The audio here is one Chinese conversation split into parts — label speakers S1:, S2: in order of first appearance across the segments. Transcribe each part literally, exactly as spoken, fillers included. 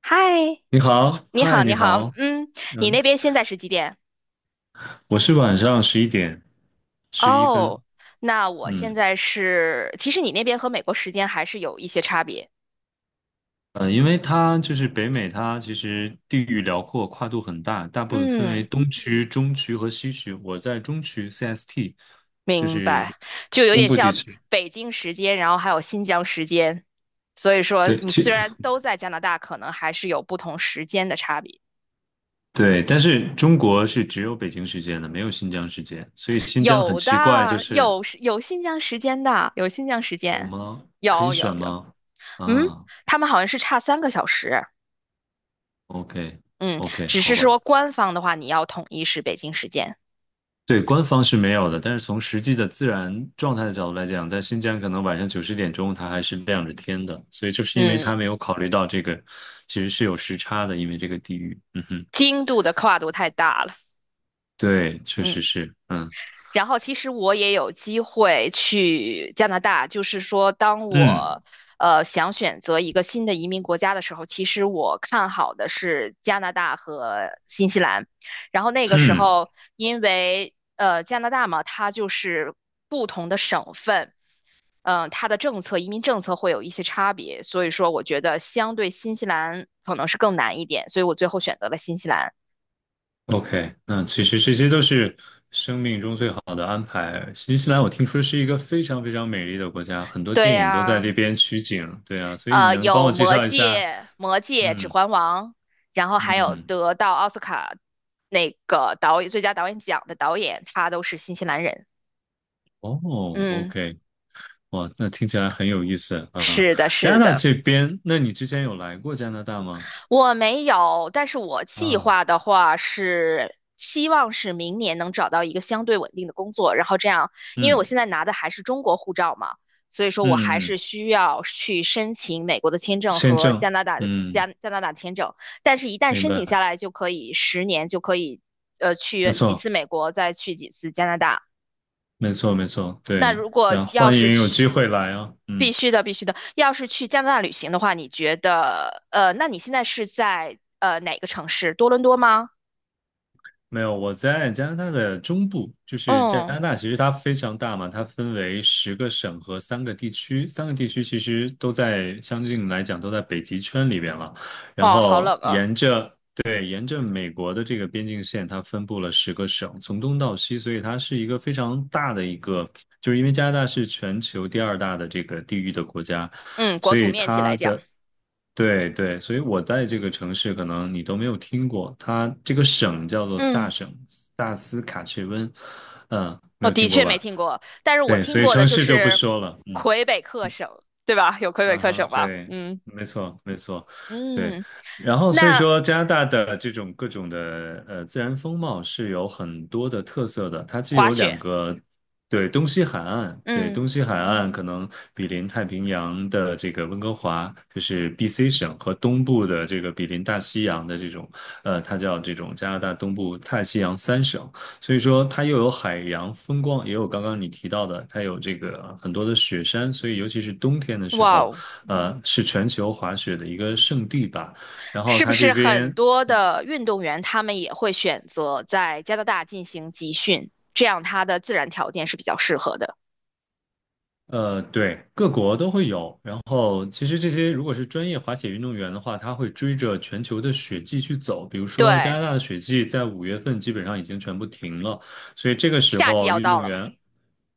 S1: 嗨，
S2: 你好，
S1: 你好，
S2: 嗨，你
S1: 你好，
S2: 好。
S1: 嗯，你
S2: 嗯，
S1: 那边现在是几点？
S2: 我是晚上十一点十一分。
S1: 哦，那我现
S2: 嗯
S1: 在是，其实你那边和美国时间还是有一些差别。
S2: 嗯呃因为它就是北美，它其实地域辽阔，跨度很大，大部分分为
S1: 嗯，
S2: 东区、中区和西区。我在中区 C S T，就
S1: 明
S2: 是
S1: 白，就有
S2: 中
S1: 点
S2: 部地
S1: 像
S2: 区。
S1: 北京时间，然后还有新疆时间，所以说
S2: 对，
S1: 你虽
S2: 其
S1: 然都在加拿大，可能还是有不同时间的差别。
S2: 对，但是中国是只有北京时间的，没有新疆时间，所以新疆很
S1: 有
S2: 奇怪，就
S1: 的，
S2: 是
S1: 有时有新疆时间的，有新疆时
S2: 有
S1: 间，
S2: 吗？可以
S1: 有有
S2: 选
S1: 有，
S2: 吗？
S1: 嗯，
S2: 啊
S1: 他们好像是差三个小时。
S2: ，OK，
S1: 嗯，
S2: OK，
S1: 只是
S2: 好吧。
S1: 说官方的话，你要统一是北京时间。
S2: 对，官方是没有的，但是从实际的自然状态的角度来讲，在新疆可能晚上九十点钟它还是亮着天的，所以就是因为
S1: 嗯，
S2: 它没有考虑到这个，其实是有时差的，因为这个地域。嗯哼。
S1: 经度的跨度太大了。
S2: 对，确
S1: 嗯，
S2: 实是。嗯
S1: 然后其实我也有机会去加拿大，就是说，当
S2: 嗯
S1: 我呃想选择一个新的移民国家的时候，其实我看好的是加拿大和新西兰。然后那个时
S2: 嗯
S1: 候，因为呃加拿大嘛，它就是不同的省份。嗯、呃，它的政策、移民政策会有一些差别，所以说我觉得相对新西兰可能是更难一点，所以我最后选择了新西兰。
S2: ，OK，那其实这些都是生命中最好的安排。新西兰我听说是一个非常非常美丽的国家，很多
S1: 对
S2: 电影都在
S1: 呀、
S2: 这边取景。对啊，所以你
S1: 呃，
S2: 能帮
S1: 有
S2: 我介
S1: 《魔
S2: 绍一下？
S1: 戒》《魔戒》《指
S2: 嗯
S1: 环王》，然后还有
S2: 嗯，
S1: 得到奥斯卡那个导演最佳导演奖的导演，他都是新西兰人。
S2: 哦
S1: 嗯，
S2: ，OK。哇，那听起来很有意思啊！
S1: 是的，
S2: 加拿
S1: 是
S2: 大
S1: 的。
S2: 这边，那你之前有来过加拿大吗？
S1: 我没有，但是我计
S2: 啊，
S1: 划的话是希望是明年能找到一个相对稳定的工作，然后这样，因为我
S2: 嗯
S1: 现在拿的还是中国护照嘛，所以说我还
S2: 嗯
S1: 是
S2: 嗯，
S1: 需要去申请美国的签证
S2: 签
S1: 和
S2: 证，
S1: 加拿大
S2: 嗯，
S1: 加加拿大签证，但是一旦
S2: 明
S1: 申请下
S2: 白，
S1: 来就可以十年就可以，呃，
S2: 没
S1: 去几
S2: 错，
S1: 次美国，再去几次加拿大。
S2: 没错，没错，
S1: 那
S2: 对，
S1: 如果
S2: 然后
S1: 要
S2: 欢
S1: 是
S2: 迎有机
S1: 去，
S2: 会来啊，嗯。
S1: 必须的，必须的，要是去加拿大旅行的话，你觉得，呃，那你现在是在呃哪个城市？多伦多吗？
S2: 没有，我在加拿大的中部，就是加
S1: 嗯，
S2: 拿大，其实它非常大嘛，它分为十个省和三个地区，三个地区其实都在相对应来讲都在北极圈里边了。然
S1: 哦，好
S2: 后
S1: 冷啊。
S2: 沿着对沿着美国的这个边境线，它分布了十个省，从东到西，所以它是一个非常大的一个。就是因为加拿大是全球第二大的这个地域的国家，
S1: 嗯，国
S2: 所
S1: 土
S2: 以
S1: 面积
S2: 它
S1: 来讲，
S2: 的对对，所以我在这个城市可能你都没有听过，它这个省叫做萨
S1: 嗯，
S2: 省。萨斯卡切温，嗯，没
S1: 我
S2: 有
S1: 的
S2: 听过
S1: 确没
S2: 吧？
S1: 听过，但是我
S2: 对，
S1: 听
S2: 所以
S1: 过的
S2: 城
S1: 就
S2: 市就不
S1: 是
S2: 说了，嗯。
S1: 魁北克省，对吧？有魁北
S2: 啊
S1: 克省
S2: 哈，
S1: 吧？
S2: 对，
S1: 嗯
S2: 没错，没错，对。
S1: 嗯，
S2: 然后所以
S1: 那
S2: 说，加拿大的这种各种的呃自然风貌是有很多的特色的，它既
S1: 滑
S2: 有两
S1: 雪，
S2: 个。对，东西海岸。对，
S1: 嗯，
S2: 东西海岸可能比邻太平洋的这个温哥华，就是 B C 省和东部的这个比邻大西洋的这种。呃，它叫这种加拿大东部大西洋三省。所以说，它又有海洋风光，也有刚刚你提到的，它有这个很多的雪山，所以尤其是冬天的时
S1: 哇
S2: 候。
S1: 哦。
S2: 呃，是全球滑雪的一个圣地吧。然后
S1: 是不
S2: 它这
S1: 是很
S2: 边。
S1: 多的运动员他们也会选择在加拿大进行集训，这样他的自然条件是比较适合的。
S2: 呃，对，各国都会有。然后其实这些如果是专业滑雪运动员的话，他会追着全球的雪季去走。比如说加
S1: 对，
S2: 拿大的雪季在五月份基本上已经全部停了，所以这个时
S1: 夏季
S2: 候
S1: 要
S2: 运
S1: 到
S2: 动
S1: 了嘛。
S2: 员，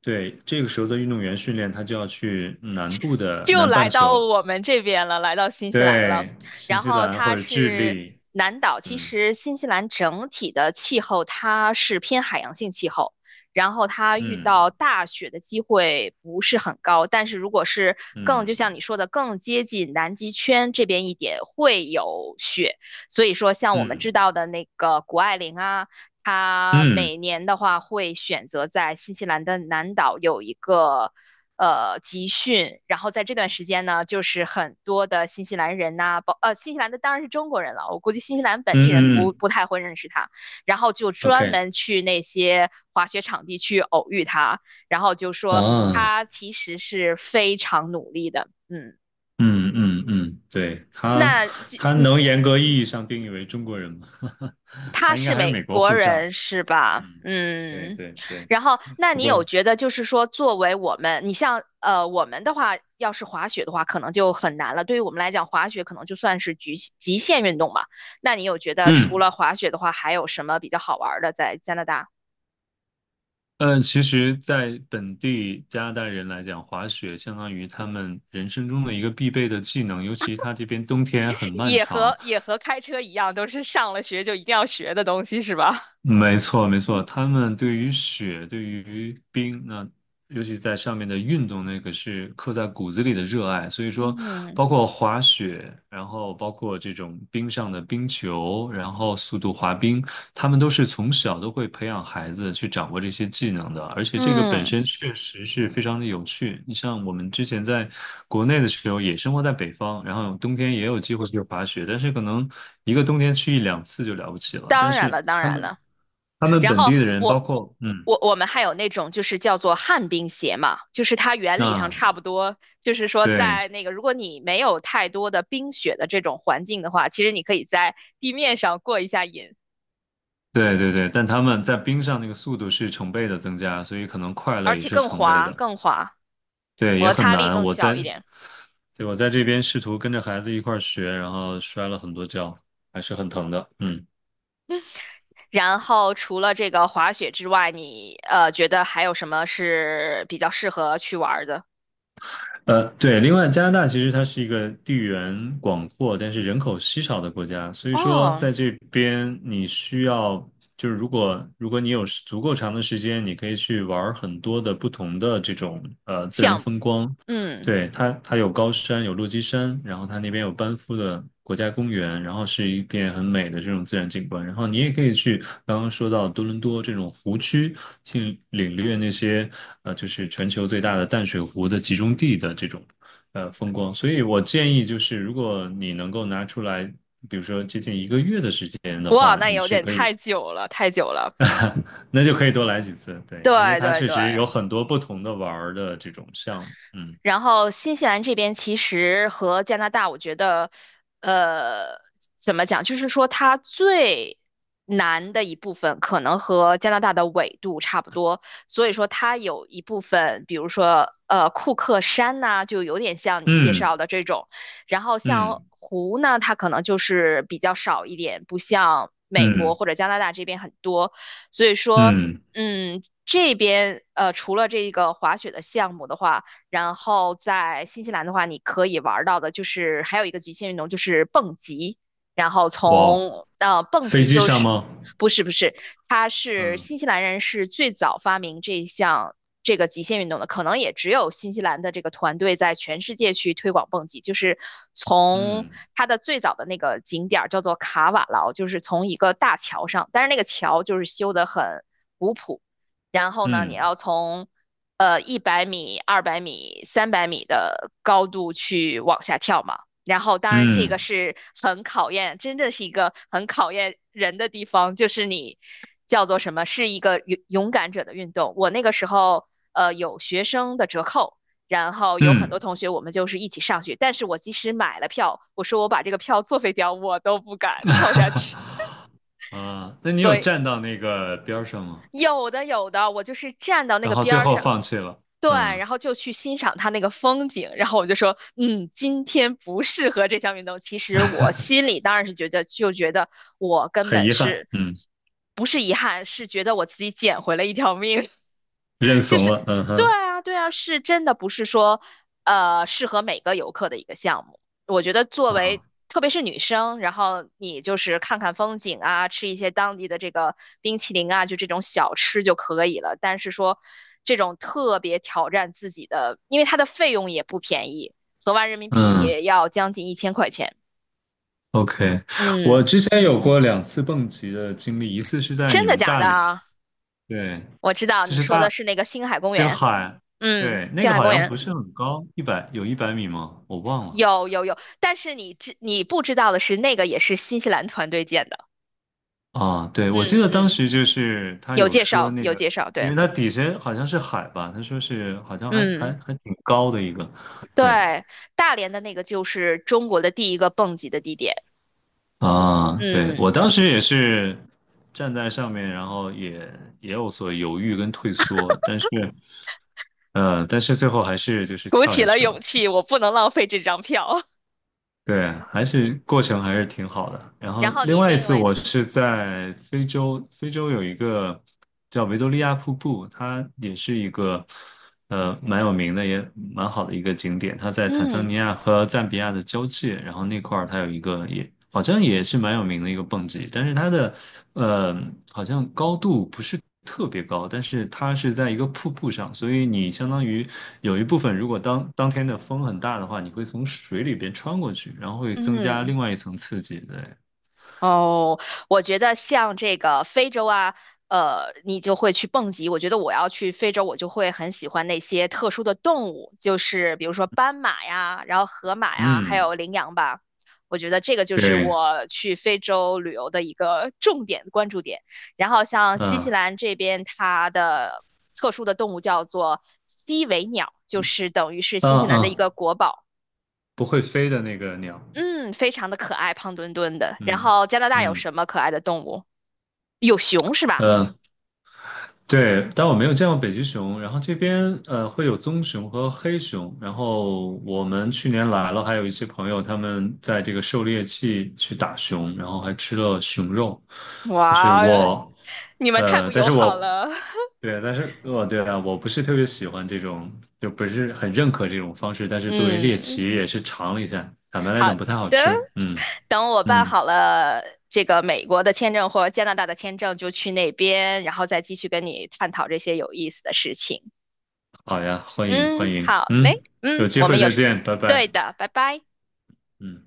S2: 对，这个时候的运动员训练，他就要去南部的
S1: 就
S2: 南半
S1: 来到
S2: 球。
S1: 我们这边了，来到新西兰了。
S2: 对，新
S1: 然
S2: 西
S1: 后
S2: 兰
S1: 它
S2: 或者智
S1: 是
S2: 利。
S1: 南岛，其
S2: 嗯
S1: 实新西兰整体的气候它是偏海洋性气候，然后它遇
S2: 嗯
S1: 到大雪的机会不是很高。但是如果是更，就像
S2: 嗯
S1: 你说的，更接近南极圈这边一点会有雪。所以说，像我们知
S2: 嗯
S1: 道的那个谷爱凌啊。
S2: 嗯
S1: 她
S2: 嗯
S1: 每年的话会选择在新西兰的南岛有一个呃集训，然后在这段时间呢，就是很多的新西兰人呐、啊包呃新西兰的当然是中国人了，我估计新西兰本地
S2: 嗯
S1: 人不
S2: 嗯
S1: 不太会认识他，然后就专
S2: ，OK。
S1: 门去那些滑雪场地去偶遇他，然后就说
S2: 啊，
S1: 他其实是非常努力的，嗯。
S2: 嗯嗯嗯，对，他，
S1: 那这
S2: 他
S1: 嗯，
S2: 能严格意义上定义为中国人吗？
S1: 他
S2: 他应该
S1: 是
S2: 还是
S1: 美
S2: 美国
S1: 国
S2: 护
S1: 人
S2: 照。
S1: 是吧？
S2: 嗯，对
S1: 嗯，
S2: 对对，
S1: 然后那
S2: 不
S1: 你有
S2: 过，
S1: 觉得就是说，作为我们，你像呃我们的话，要是滑雪的话，可能就很难了。对于我们来讲，滑雪可能就算是局极限运动嘛。那你有觉得除
S2: 嗯
S1: 了滑雪的话，还有什么比较好玩儿的在加拿大？
S2: 呃，其实，在本地加拿大人来讲，滑雪相当于他们人生中的一个必备的技能，尤其他这边冬天很 漫
S1: 也
S2: 长。
S1: 和也和开车一样，都是上了学就一定要学的东西是吧？
S2: 没错，没错，
S1: 嗯
S2: 他们对于雪，对于冰，那尤其在上面的运动，那个是刻在骨子里的热爱。所以说，
S1: 嗯
S2: 包括滑雪，然后包括这种冰上的冰球，然后速度滑冰，他们都是从小都会培养孩子去掌握这些技能的，而且这个本
S1: 嗯，
S2: 身确实是非常的有趣。你像我们之前在国内的时候，也生活在北方，然后冬天也有机会去滑雪，但是可能一个冬天去一两次就了不起了。
S1: 当
S2: 但
S1: 然
S2: 是
S1: 了，当
S2: 他
S1: 然
S2: 们
S1: 了。
S2: 他们
S1: 然
S2: 本
S1: 后
S2: 地的人，包
S1: 我我
S2: 括嗯，
S1: 我我们还有那种就是叫做旱冰鞋嘛，就是它原理上差
S2: 那
S1: 不多，就是说
S2: 对
S1: 在那个如果你没有太多的冰雪的这种环境的话，其实你可以在地面上过一下瘾，
S2: 对对对，但他们在冰上那个速度是成倍的增加，所以可能快乐
S1: 而
S2: 也
S1: 且
S2: 是
S1: 更
S2: 成倍
S1: 滑
S2: 的。
S1: 更滑，
S2: 对，也
S1: 摩
S2: 很
S1: 擦力
S2: 难。
S1: 更
S2: 我
S1: 小
S2: 在
S1: 一点。
S2: 对，我在这边试图跟着孩子一块儿学，然后摔了很多跤，还是很疼的。嗯，
S1: 然后除了这个滑雪之外，你呃觉得还有什么是比较适合去玩儿的？
S2: 呃，对，另外加拿大其实它是一个地缘广阔，但是人口稀少的国家，所以说
S1: 哦，
S2: 在这边你需要，就是如果如果你有足够长的时间，你可以去玩儿很多的不同的这种呃自然
S1: 项目，
S2: 风光。
S1: 嗯，
S2: 对，它，它有高山，有落基山，然后它那边有班夫的国家公园，然后是一片很美的这种自然景观。然后你也可以去刚刚说到多伦多这种湖区，去领略那些呃，就是全球最大的淡水湖的集中地的这种呃风光。所以我建议就是，如果你能够拿出来，比如说接近一个月的时间的
S1: 哇，
S2: 话，
S1: 那
S2: 你
S1: 有
S2: 是
S1: 点
S2: 可以。
S1: 太久了，太久了。
S2: 那就可以多来几次。对，因为
S1: 对
S2: 它
S1: 对
S2: 确
S1: 对，
S2: 实有很多不同的玩儿的这种项目。嗯。
S1: 然后新西兰这边其实和加拿大，我觉得，呃，怎么讲，就是说它最难的一部分可能和加拿大的纬度差不多，所以说它有一部分，比如说呃库克山呐、就有点像你介
S2: 嗯
S1: 绍的这种，然后像
S2: 嗯。
S1: 湖呢，它可能就是比较少一点，不像美国
S2: 嗯
S1: 或者加拿大这边很多，所以说，
S2: 嗯，
S1: 嗯，这边呃除了这个滑雪的项目的话。然后在新西兰的话，你可以玩到的就是还有一个极限运动就是蹦极，然后
S2: 哇哦，
S1: 从呃蹦
S2: 飞
S1: 极
S2: 机
S1: 就
S2: 上
S1: 是
S2: 吗？
S1: 不是不是，它是
S2: 嗯
S1: 新西兰人是最早发明这项这个极限运动的，可能也只有新西兰的这个团队在全世界去推广蹦极，就是从
S2: 嗯
S1: 它的最早的那个景点儿叫做卡瓦劳，就是从一个大桥上，但是那个桥就是修得很古朴。然后呢，你
S2: 嗯
S1: 要从呃一百米、二百米、三百米的高度去往下跳嘛。然后，当然这个
S2: 嗯
S1: 是很考验，真的是一个很考验人的地方，就是你叫做什么，是一个勇勇敢者的运动。我那个时候，呃，有学生的折扣，然后有很多
S2: 嗯，
S1: 同学我们就是一起上去，但是我即使买了票，我说我把这个票作废掉，我都不敢跳下 去。
S2: 啊，那你有
S1: 所以
S2: 站到那个边儿上吗？
S1: 有的有的，我就是站到那
S2: 然
S1: 个
S2: 后
S1: 边
S2: 最
S1: 儿
S2: 后
S1: 上，
S2: 放弃了，
S1: 对，
S2: 嗯，
S1: 然后就去欣赏它那个风景，然后我就说，嗯，今天不适合这项运动。其实我 心里当然是觉得，就觉得我根
S2: 很
S1: 本
S2: 遗憾，
S1: 是
S2: 嗯，
S1: 不是遗憾，是觉得我自己捡回了一条命。
S2: 认
S1: 就
S2: 怂
S1: 是，
S2: 了，嗯
S1: 对
S2: 哼，
S1: 啊，对啊，是真的不是说，呃，适合每个游客的一个项目。我觉得作为
S2: 啊，
S1: 特别是女生，然后你就是看看风景啊，吃一些当地的这个冰淇淋啊，就这种小吃就可以了。但是说这种特别挑战自己的，因为它的费用也不便宜，合完人民币
S2: 嗯
S1: 也要将近一千块钱。
S2: ，OK，我
S1: 嗯，
S2: 之前有过两次蹦极的经历，一次是在
S1: 真
S2: 你
S1: 的
S2: 们
S1: 假
S2: 大
S1: 的
S2: 连。
S1: 啊？
S2: 对，
S1: 我知道
S2: 就
S1: 你
S2: 是
S1: 说的
S2: 大
S1: 是那个星海公
S2: 星
S1: 园。
S2: 海。
S1: 嗯，
S2: 对，那
S1: 星
S2: 个
S1: 海
S2: 好
S1: 公
S2: 像
S1: 园
S2: 不是很高，一百有一百米吗？我忘了。
S1: 有有有，但是你知你不知道的是，那个也是新西兰团队建的。
S2: 啊，对，我记
S1: 嗯
S2: 得当
S1: 嗯，
S2: 时就是他
S1: 有
S2: 有
S1: 介
S2: 说
S1: 绍
S2: 那
S1: 有
S2: 个，
S1: 介绍，
S2: 因
S1: 对，
S2: 为它底下好像是海吧，他说是好像还还
S1: 嗯。
S2: 还挺高的一个。对
S1: 对，大连的那个就是中国的第一个蹦极的地点。
S2: 啊，对，我
S1: 嗯，
S2: 当时也是站在上面，然后也也有所犹豫跟退缩，但是呃，但是最后还是就是
S1: 鼓
S2: 跳
S1: 起
S2: 下
S1: 了
S2: 去了。
S1: 勇气，我不能浪费这张票。
S2: 对，还是过程还是挺好的。然后
S1: 然后
S2: 另
S1: 你
S2: 外一
S1: 另
S2: 次
S1: 外一
S2: 我
S1: 次，
S2: 是在非洲，非洲有一个叫维多利亚瀑布，它也是一个呃蛮有名的，也蛮好的一个景点。它在坦桑
S1: 嗯
S2: 尼亚和赞比亚的交界，然后那块儿它有一个也好像也是蛮有名的一个蹦极，但是它的呃，好像高度不是特别高，但是它是在一个瀑布上，所以你相当于有一部分，如果当当天的风很大的话，你会从水里边穿过去，然后会增加
S1: 嗯。
S2: 另外一层刺激。对，
S1: 哦，我觉得像这个非洲啊，呃，你就会去蹦极。我觉得我要去非洲，我就会很喜欢那些特殊的动物，就是比如说斑马呀，然后河马呀，还
S2: 嗯，
S1: 有羚羊吧。我觉得这个就是
S2: 对，
S1: 我去非洲旅游的一个重点关注点。然后像新
S2: 嗯，
S1: 西
S2: 啊
S1: 兰这边，它的特殊的动物叫做西尾鸟，就是等于是新西兰的一
S2: 嗯，
S1: 个国宝。
S2: 不会飞的那个鸟，
S1: 嗯，非常的可爱，胖墩墩的。然
S2: 嗯
S1: 后加拿大有
S2: 嗯。
S1: 什么可爱的动物？有熊是吧？
S2: 呃。对，但我没有见过北极熊。然后这边呃会有棕熊和黑熊。然后我们去年来了，还有一些朋友他们在这个狩猎季去打熊，然后还吃了熊肉。就是
S1: 哇，
S2: 我，
S1: 你们太
S2: 呃，
S1: 不
S2: 但
S1: 友
S2: 是
S1: 好
S2: 我
S1: 了。
S2: 对，但是我对啊，我不是特别喜欢这种，就不是很认可这种方式。但是作为猎
S1: 嗯，
S2: 奇也是尝了一下，坦白来
S1: 好
S2: 讲不太好
S1: 的，
S2: 吃。嗯
S1: 等我办
S2: 嗯，
S1: 好了这个美国的签证或加拿大的签证，就去那边，然后再继续跟你探讨这些有意思的事情。
S2: 好呀，欢迎欢
S1: 嗯，
S2: 迎，
S1: 好嘞，
S2: 嗯，有
S1: 嗯，
S2: 机
S1: 我们
S2: 会
S1: 有
S2: 再
S1: 事。
S2: 见，拜
S1: 对
S2: 拜。
S1: 的，拜拜。
S2: 嗯。